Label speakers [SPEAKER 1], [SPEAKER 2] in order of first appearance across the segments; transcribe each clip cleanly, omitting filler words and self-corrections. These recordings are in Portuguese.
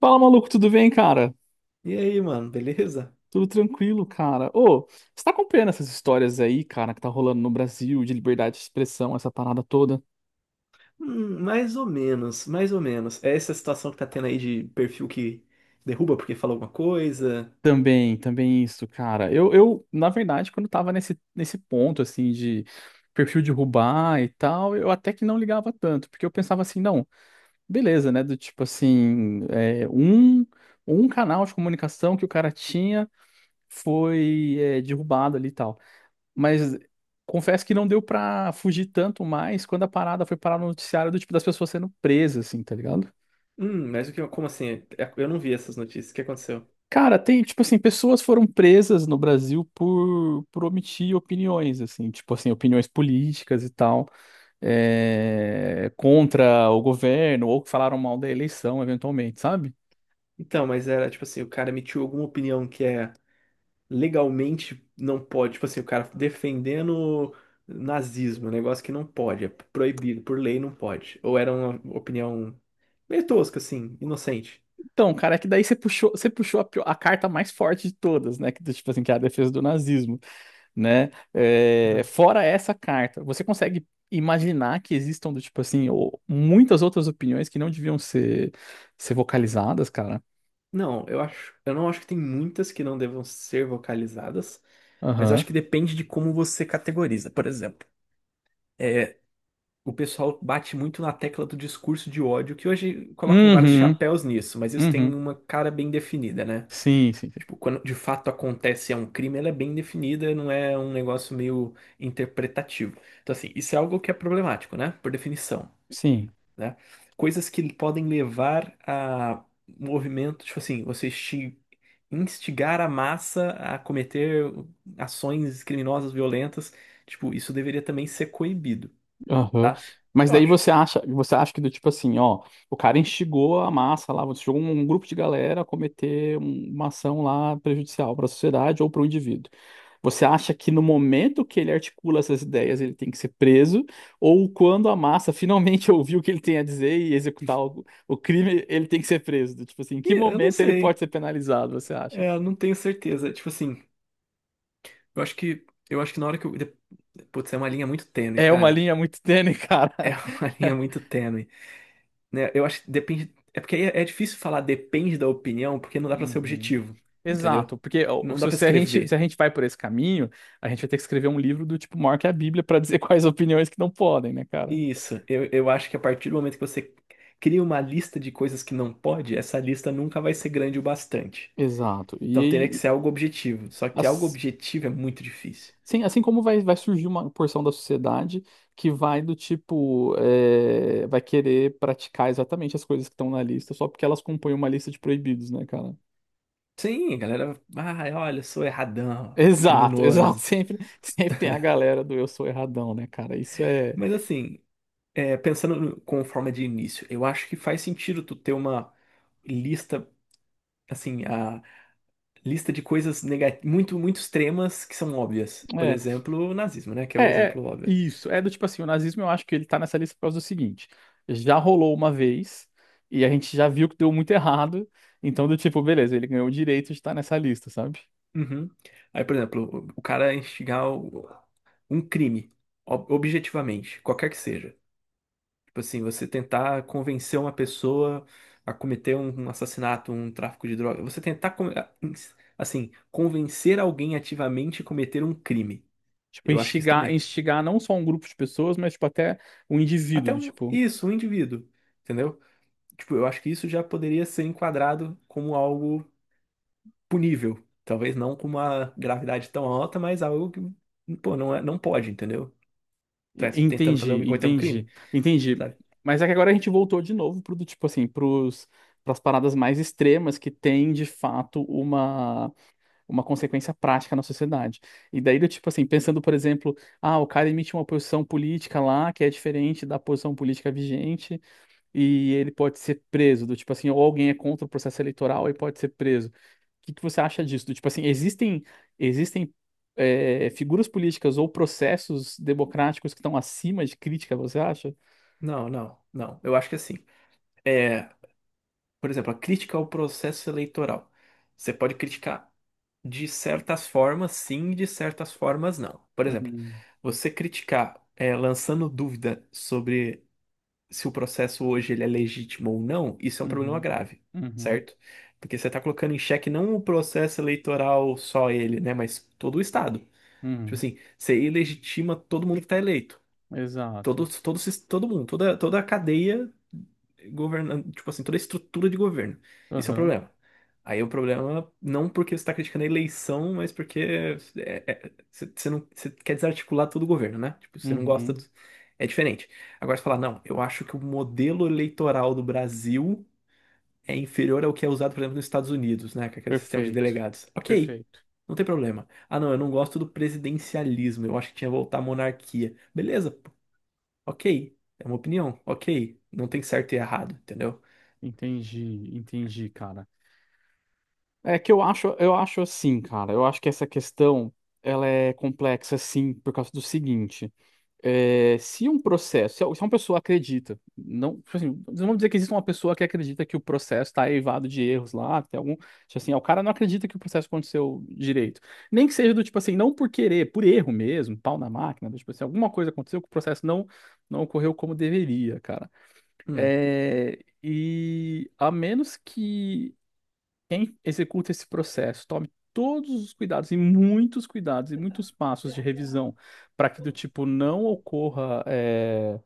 [SPEAKER 1] Fala, maluco, tudo bem, cara?
[SPEAKER 2] E aí, mano, beleza?
[SPEAKER 1] Tudo tranquilo, cara. Ô, você tá acompanhando essas histórias aí, cara, que tá rolando no Brasil de liberdade de expressão, essa parada toda?
[SPEAKER 2] Mais ou menos, mais ou menos. É essa situação que tá tendo aí de perfil que derruba porque falou alguma coisa.
[SPEAKER 1] Também isso, cara. Eu, na verdade, quando tava nesse ponto, assim, de perfil derrubar e tal, eu até que não ligava tanto, porque eu pensava assim, não, beleza, né? Do tipo assim, um canal de comunicação que o cara tinha foi, derrubado ali e tal. Mas confesso que não deu pra fugir tanto mais quando a parada foi parar no noticiário do tipo das pessoas sendo presas, assim, tá ligado?
[SPEAKER 2] Mas o que, como assim? Eu não vi essas notícias. O que aconteceu?
[SPEAKER 1] Cara, tem, tipo assim, pessoas foram presas no Brasil por omitir opiniões, assim, tipo assim, opiniões políticas e tal, contra o governo, ou que falaram mal da eleição, eventualmente, sabe?
[SPEAKER 2] Então, mas era tipo assim, o cara emitiu alguma opinião que é legalmente não pode, tipo assim, o cara defendendo nazismo, um negócio que não pode, é proibido, por lei não pode. Ou era uma opinião meio tosca, assim, inocente.
[SPEAKER 1] Então, cara, é que daí você puxou a carta mais forte de todas, né? Que, tipo assim, que é a defesa do nazismo. Né? Fora essa carta, você consegue imaginar que existam do tipo assim, ou muitas outras opiniões que não deviam ser vocalizadas, cara?
[SPEAKER 2] Não, eu acho, eu não acho que tem muitas que não devam ser vocalizadas, mas eu acho
[SPEAKER 1] Aham.
[SPEAKER 2] que depende de como você categoriza. Por exemplo, é, o pessoal bate muito na tecla do discurso de ódio, que hoje colocam vários
[SPEAKER 1] Uhum.
[SPEAKER 2] chapéus nisso, mas isso
[SPEAKER 1] Uhum.
[SPEAKER 2] tem uma cara bem definida, né?
[SPEAKER 1] Sim, sim.
[SPEAKER 2] Tipo, quando de fato acontece é um crime, ela é bem definida, não é um negócio meio interpretativo. Então, assim, isso é algo que é problemático, né? Por definição,
[SPEAKER 1] Sim.
[SPEAKER 2] né? Coisas que podem levar a movimentos, tipo assim, você instigar a massa a cometer ações criminosas violentas, tipo, isso deveria também ser coibido,
[SPEAKER 1] Aham.
[SPEAKER 2] tá?
[SPEAKER 1] Mas
[SPEAKER 2] Eu
[SPEAKER 1] daí
[SPEAKER 2] acho.
[SPEAKER 1] você acha que do tipo assim, ó, o cara instigou a massa lá, você jogou um grupo de galera a cometer uma ação lá prejudicial para a sociedade ou para o indivíduo. Você acha que no momento que ele articula essas ideias, ele tem que ser preso, ou quando a massa finalmente ouvir o que ele tem a dizer e executar o crime, ele tem que ser preso? Do tipo assim, em que
[SPEAKER 2] E eu não
[SPEAKER 1] momento ele pode
[SPEAKER 2] sei,
[SPEAKER 1] ser penalizado, você acha?
[SPEAKER 2] eu não tenho certeza. Tipo assim, eu acho que na hora que eu Putz, é uma linha muito tênue,
[SPEAKER 1] É uma
[SPEAKER 2] cara.
[SPEAKER 1] linha muito tênue, cara.
[SPEAKER 2] É uma linha muito tênue, né? Eu acho que depende. É porque aí é difícil falar depende da opinião, porque não dá pra ser
[SPEAKER 1] Uhum.
[SPEAKER 2] objetivo, entendeu?
[SPEAKER 1] Exato, porque ó,
[SPEAKER 2] Não
[SPEAKER 1] se
[SPEAKER 2] dá pra
[SPEAKER 1] você- a gente, se a
[SPEAKER 2] escrever.
[SPEAKER 1] gente vai por esse caminho, a gente vai ter que escrever um livro do tipo maior que a Bíblia para dizer quais opiniões que não podem, né, cara?
[SPEAKER 2] Isso, eu acho que a partir do momento que você cria uma lista de coisas que não pode, essa lista nunca vai ser grande o bastante.
[SPEAKER 1] Exato. E
[SPEAKER 2] Então teria que
[SPEAKER 1] aí,
[SPEAKER 2] ser algo objetivo. Só que algo
[SPEAKER 1] as-
[SPEAKER 2] objetivo é muito difícil.
[SPEAKER 1] assim como vai surgir uma porção da sociedade que vai do tipo, vai querer praticar exatamente as coisas que estão na lista, só porque elas compõem uma lista de proibidos, né, cara?
[SPEAKER 2] Sim, a galera, ah, olha, eu sou erradão,
[SPEAKER 1] Exato, exato.
[SPEAKER 2] criminoso.
[SPEAKER 1] Sempre tem a galera do eu sou erradão, né, cara? Isso é.
[SPEAKER 2] Mas assim, pensando com forma de início, eu acho que faz sentido tu ter uma lista, assim, a lista de coisas muito, muito extremas que são óbvias. Por
[SPEAKER 1] é,
[SPEAKER 2] exemplo, o nazismo, né? Que é
[SPEAKER 1] É,
[SPEAKER 2] o
[SPEAKER 1] é
[SPEAKER 2] exemplo óbvio.
[SPEAKER 1] isso. É do tipo assim, o nazismo eu acho que ele tá nessa lista por causa do seguinte: já rolou uma vez e a gente já viu que deu muito errado, então do tipo, beleza, ele ganhou o direito de estar nessa lista, sabe?
[SPEAKER 2] Uhum. Aí, por exemplo, o cara instigar um crime, objetivamente, qualquer que seja. Tipo assim, você tentar convencer uma pessoa a cometer um assassinato, um tráfico de drogas, você tentar, assim, convencer alguém ativamente a cometer um crime.
[SPEAKER 1] Tipo,
[SPEAKER 2] Eu acho que isso
[SPEAKER 1] instigar,
[SPEAKER 2] também.
[SPEAKER 1] instigar não só um grupo de pessoas, mas tipo até um indivíduo,
[SPEAKER 2] Até
[SPEAKER 1] do
[SPEAKER 2] um,
[SPEAKER 1] tipo,
[SPEAKER 2] isso, um indivíduo, entendeu? Tipo, eu acho que isso já poderia ser enquadrado como algo punível. Talvez não com uma gravidade tão alta, mas algo que, pô, não é, não pode, entendeu?
[SPEAKER 1] e-
[SPEAKER 2] Tá tentando fazer alguém
[SPEAKER 1] entendi,
[SPEAKER 2] cometer um crime,
[SPEAKER 1] entendi, entendi.
[SPEAKER 2] sabe?
[SPEAKER 1] Mas é que agora a gente voltou de novo pro do tipo assim, pros, pras paradas mais extremas que tem de fato uma consequência prática na sociedade. E daí, do tipo assim, pensando, por exemplo, ah, o cara emite uma posição política lá que é diferente da posição política vigente e ele pode ser preso, do tipo assim, ou alguém é contra o processo eleitoral e pode ser preso. O que que você acha disso? Do tipo assim, existem existem figuras políticas ou processos democráticos que estão acima de crítica, você acha?
[SPEAKER 2] Não, não, não. Eu acho que assim, é, por exemplo, a crítica ao processo eleitoral. Você pode criticar de certas formas, sim, de certas formas, não. Por exemplo,
[SPEAKER 1] Uhum,
[SPEAKER 2] você criticar, lançando dúvida sobre se o processo hoje ele é legítimo ou não, isso é um problema
[SPEAKER 1] uhum,
[SPEAKER 2] grave,
[SPEAKER 1] uhum,
[SPEAKER 2] certo? Porque você está colocando em xeque não o processo eleitoral só ele, né, mas todo o Estado. Tipo
[SPEAKER 1] uhum.
[SPEAKER 2] assim, você ilegitima todo mundo que está eleito.
[SPEAKER 1] Exato.
[SPEAKER 2] Todo, todo mundo, toda a cadeia governando, tipo assim, toda a estrutura de governo. Isso é um
[SPEAKER 1] Aham.
[SPEAKER 2] problema. Aí o problema, não porque você está criticando a eleição, mas porque você não, você quer desarticular todo o governo, né? Tipo, você não gosta
[SPEAKER 1] Uhum.
[SPEAKER 2] do... É diferente. Agora você fala, não, eu acho que o modelo eleitoral do Brasil é inferior ao que é usado, por exemplo, nos Estados Unidos, né? Com aquele sistema de
[SPEAKER 1] Perfeito.
[SPEAKER 2] delegados. Ok,
[SPEAKER 1] Perfeito.
[SPEAKER 2] não tem problema. Ah, não, eu não gosto do presidencialismo, eu acho que tinha que voltar à monarquia. Beleza, ok, é uma opinião. Ok, não tem certo e errado, entendeu?
[SPEAKER 1] Entendi, entendi, cara. É que eu acho assim, cara. Eu acho que essa questão ela é complexa, sim, por causa do seguinte: se um processo, se uma pessoa acredita, não, tipo assim, não vamos dizer que existe uma pessoa que acredita que o processo está eivado de erros lá, tem algum, tipo assim, ah, o cara não acredita que o processo aconteceu direito, nem que seja do tipo assim, não por querer, por erro mesmo, pau na máquina, do tipo assim, alguma coisa aconteceu que o processo não ocorreu como deveria, cara.
[SPEAKER 2] Hum,
[SPEAKER 1] E a menos que quem executa esse processo, tome todos os cuidados e muitos passos de revisão para que do tipo não ocorra,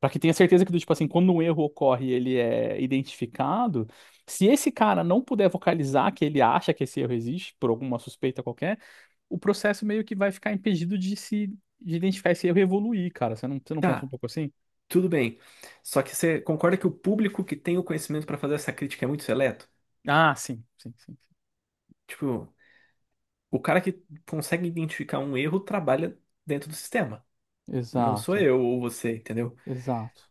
[SPEAKER 1] para que tenha certeza que do tipo assim, quando um erro ocorre, e ele é identificado. Se esse cara não puder vocalizar que ele acha que esse erro existe por alguma suspeita qualquer, o processo meio que vai ficar impedido de se de identificar esse erro e evoluir, cara. Você não pensa um
[SPEAKER 2] tá,
[SPEAKER 1] pouco assim?
[SPEAKER 2] tudo bem. Só que você concorda que o público que tem o conhecimento pra fazer essa crítica é muito seleto?
[SPEAKER 1] Ah, sim, sim, sim. Sim.
[SPEAKER 2] Tipo, o cara que consegue identificar um erro trabalha dentro do sistema. Não sou
[SPEAKER 1] Exato,
[SPEAKER 2] eu ou você, entendeu?
[SPEAKER 1] exato.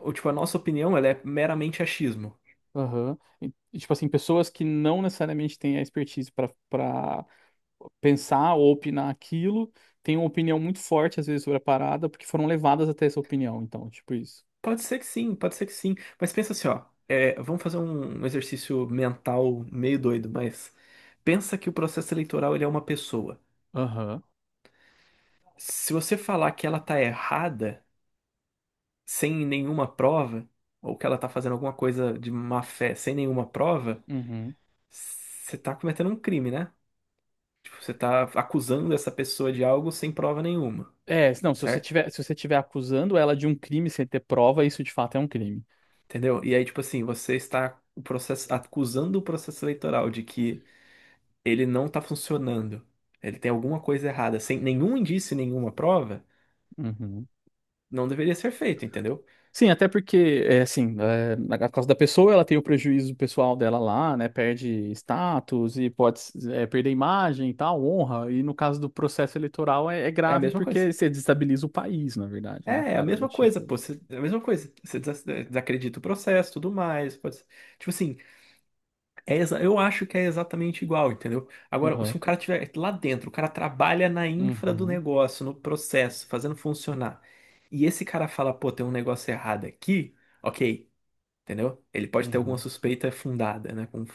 [SPEAKER 2] Ou tipo, a nossa opinião, ela é meramente achismo.
[SPEAKER 1] Aham. E, tipo assim, pessoas que não necessariamente têm a expertise para pensar ou opinar aquilo, têm uma opinião muito forte, às vezes, sobre a parada, porque foram levadas até essa opinião. Então, tipo isso.
[SPEAKER 2] Pode ser que sim, pode ser que sim. Mas pensa assim, ó. Vamos fazer um exercício mental meio doido, mas pensa que o processo eleitoral ele é uma pessoa.
[SPEAKER 1] Aham.
[SPEAKER 2] Se você falar que ela tá errada, sem nenhuma prova, ou que ela tá fazendo alguma coisa de má fé sem nenhuma prova,
[SPEAKER 1] Uhum.
[SPEAKER 2] você tá cometendo um crime, né? Tipo, você tá acusando essa pessoa de algo sem prova nenhuma,
[SPEAKER 1] Não, se você
[SPEAKER 2] certo?
[SPEAKER 1] tiver, se você tiver acusando ela de um crime sem ter prova, isso de fato é um crime.
[SPEAKER 2] Entendeu? E aí, tipo assim, você está o processo, acusando o processo eleitoral de que ele não tá funcionando, ele tem alguma coisa errada, sem nenhum indício, nenhuma prova,
[SPEAKER 1] Uhum.
[SPEAKER 2] não deveria ser feito, entendeu?
[SPEAKER 1] Sim, até porque, é assim, na causa da pessoa, ela tem o prejuízo pessoal dela lá, né? Perde status e pode, perder imagem e tal, honra. E no caso do processo eleitoral é
[SPEAKER 2] É a
[SPEAKER 1] grave
[SPEAKER 2] mesma coisa.
[SPEAKER 1] porque você desestabiliza o país, na verdade,
[SPEAKER 2] É,
[SPEAKER 1] né,
[SPEAKER 2] é a
[SPEAKER 1] cara? Do
[SPEAKER 2] mesma coisa,
[SPEAKER 1] tipo.
[SPEAKER 2] pô. É a mesma coisa. Você desacredita o processo, tudo mais. Tipo assim, eu acho que é exatamente igual, entendeu? Agora, se
[SPEAKER 1] Aham.
[SPEAKER 2] um cara tiver lá dentro, o cara trabalha na infra do
[SPEAKER 1] Uhum.
[SPEAKER 2] negócio, no processo, fazendo funcionar, e esse cara fala, pô, tem um negócio errado aqui, ok, entendeu? Ele pode ter alguma
[SPEAKER 1] Uhum.
[SPEAKER 2] suspeita fundada, né? Com,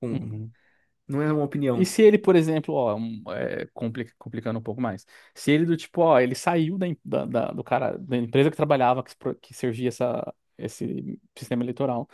[SPEAKER 2] com...
[SPEAKER 1] Uhum.
[SPEAKER 2] Não é uma
[SPEAKER 1] E
[SPEAKER 2] opinião.
[SPEAKER 1] se ele, por exemplo, ó, complicando um pouco mais, se ele do tipo, ó, ele saiu da, em- da- da- do cara, da empresa que trabalhava, que, se pro- que servia esse sistema eleitoral.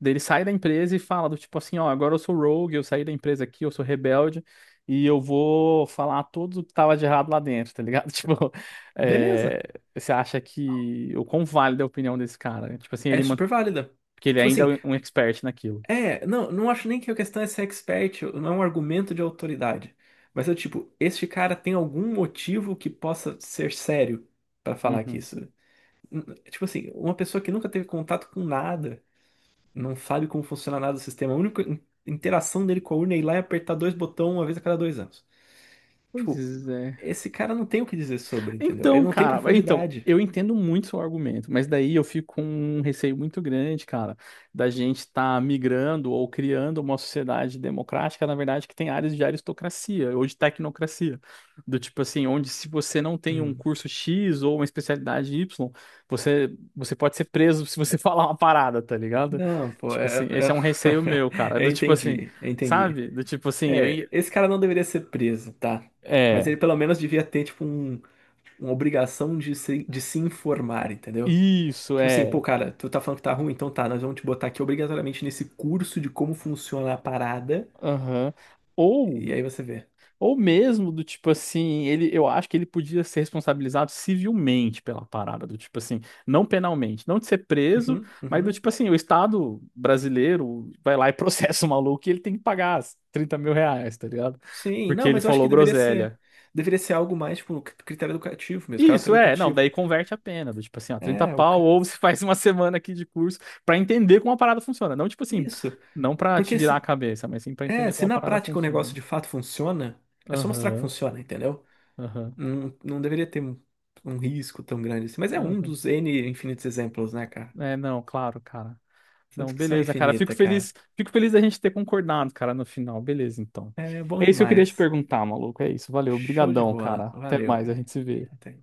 [SPEAKER 1] Daí ele sai da empresa e fala do tipo assim, ó, agora eu sou rogue, eu saí da empresa aqui, eu sou rebelde e eu vou falar tudo que tava de errado lá dentro, tá ligado? Tipo, é,
[SPEAKER 2] Beleza,
[SPEAKER 1] você acha que o quão válida é a opinião desse cara? Né? Tipo assim,
[SPEAKER 2] é super válida.
[SPEAKER 1] porque ele
[SPEAKER 2] Tipo
[SPEAKER 1] ainda
[SPEAKER 2] assim,
[SPEAKER 1] é um expert naquilo.
[SPEAKER 2] Não, não acho nem que a questão é ser expert, não é um argumento de autoridade. Mas eu, tipo, este cara tem algum motivo que possa ser sério pra falar que
[SPEAKER 1] Uhum.
[SPEAKER 2] isso. Tipo assim, uma pessoa que nunca teve contato com nada, não sabe como funciona nada do sistema, a única interação dele com a urna é ir lá e apertar dois botões uma vez a cada 2 anos. Tipo,
[SPEAKER 1] Pois é.
[SPEAKER 2] esse cara não tem o que dizer sobre, entendeu? Ele
[SPEAKER 1] Então,
[SPEAKER 2] não tem
[SPEAKER 1] cara, então,
[SPEAKER 2] profundidade.
[SPEAKER 1] eu entendo muito seu argumento, mas daí eu fico com um receio muito grande, cara, da gente estar migrando ou criando uma sociedade democrática, na verdade, que tem áreas de aristocracia ou de tecnocracia. Do tipo assim, onde se você não tem um
[SPEAKER 2] Hum.
[SPEAKER 1] curso X ou uma especialidade Y, você, você pode ser preso se você falar uma parada, tá ligado?
[SPEAKER 2] Não, pô,
[SPEAKER 1] Tipo assim, esse é um receio meu, cara.
[SPEAKER 2] eu
[SPEAKER 1] Do tipo assim,
[SPEAKER 2] entendi, eu entendi.
[SPEAKER 1] sabe? Do tipo assim,
[SPEAKER 2] É, esse cara não deveria ser preso, tá? Mas
[SPEAKER 1] é,
[SPEAKER 2] ele pelo menos devia ter, tipo, um, uma obrigação de se informar, entendeu?
[SPEAKER 1] isso,
[SPEAKER 2] Tipo assim, pô,
[SPEAKER 1] é.
[SPEAKER 2] cara, tu tá falando que tá ruim, então tá, nós vamos te botar aqui obrigatoriamente nesse curso de como funciona a parada,
[SPEAKER 1] Aham. Ou.
[SPEAKER 2] e aí você vê.
[SPEAKER 1] Ou mesmo do tipo assim, eu acho que ele podia ser responsabilizado civilmente pela parada, do tipo assim, não penalmente, não de ser preso,
[SPEAKER 2] Uhum,
[SPEAKER 1] mas do
[SPEAKER 2] uhum.
[SPEAKER 1] tipo assim, o Estado brasileiro vai lá e processa o maluco e ele tem que pagar as 30 mil reais, tá ligado?
[SPEAKER 2] Sim,
[SPEAKER 1] Porque
[SPEAKER 2] não,
[SPEAKER 1] ele
[SPEAKER 2] mas eu acho que
[SPEAKER 1] falou
[SPEAKER 2] deveria ser,
[SPEAKER 1] groselha.
[SPEAKER 2] deveria ser algo mais, tipo, critério educativo mesmo, caráter
[SPEAKER 1] Isso, não,
[SPEAKER 2] educativo.
[SPEAKER 1] daí converte a pena, do tipo assim, ó, 30
[SPEAKER 2] É,
[SPEAKER 1] pau, ou você faz uma semana aqui de curso pra entender como a parada funciona. Não, tipo assim,
[SPEAKER 2] Isso,
[SPEAKER 1] não pra te
[SPEAKER 2] porque
[SPEAKER 1] virar a
[SPEAKER 2] se,
[SPEAKER 1] cabeça, mas sim pra
[SPEAKER 2] é,
[SPEAKER 1] entender
[SPEAKER 2] se
[SPEAKER 1] como a
[SPEAKER 2] na
[SPEAKER 1] parada
[SPEAKER 2] prática o
[SPEAKER 1] funciona.
[SPEAKER 2] negócio de fato funciona, é só mostrar que
[SPEAKER 1] Aham,
[SPEAKER 2] funciona, entendeu?
[SPEAKER 1] aham,
[SPEAKER 2] Não, não deveria ter um risco tão grande assim. Mas é um
[SPEAKER 1] aham.
[SPEAKER 2] dos N infinitos exemplos, né, cara?
[SPEAKER 1] É, não, claro, cara.
[SPEAKER 2] Essa
[SPEAKER 1] Não,
[SPEAKER 2] discussão é
[SPEAKER 1] beleza, cara. Fico
[SPEAKER 2] infinita, cara.
[SPEAKER 1] feliz, fico feliz da gente ter concordado, cara, no final. Beleza, então.
[SPEAKER 2] É bom
[SPEAKER 1] É isso que eu queria te
[SPEAKER 2] demais.
[SPEAKER 1] perguntar, maluco. É isso. Valeu.
[SPEAKER 2] Show de
[SPEAKER 1] Obrigadão,
[SPEAKER 2] bola.
[SPEAKER 1] cara. Até
[SPEAKER 2] Valeu,
[SPEAKER 1] mais, a
[SPEAKER 2] cara.
[SPEAKER 1] gente se vê.
[SPEAKER 2] Até.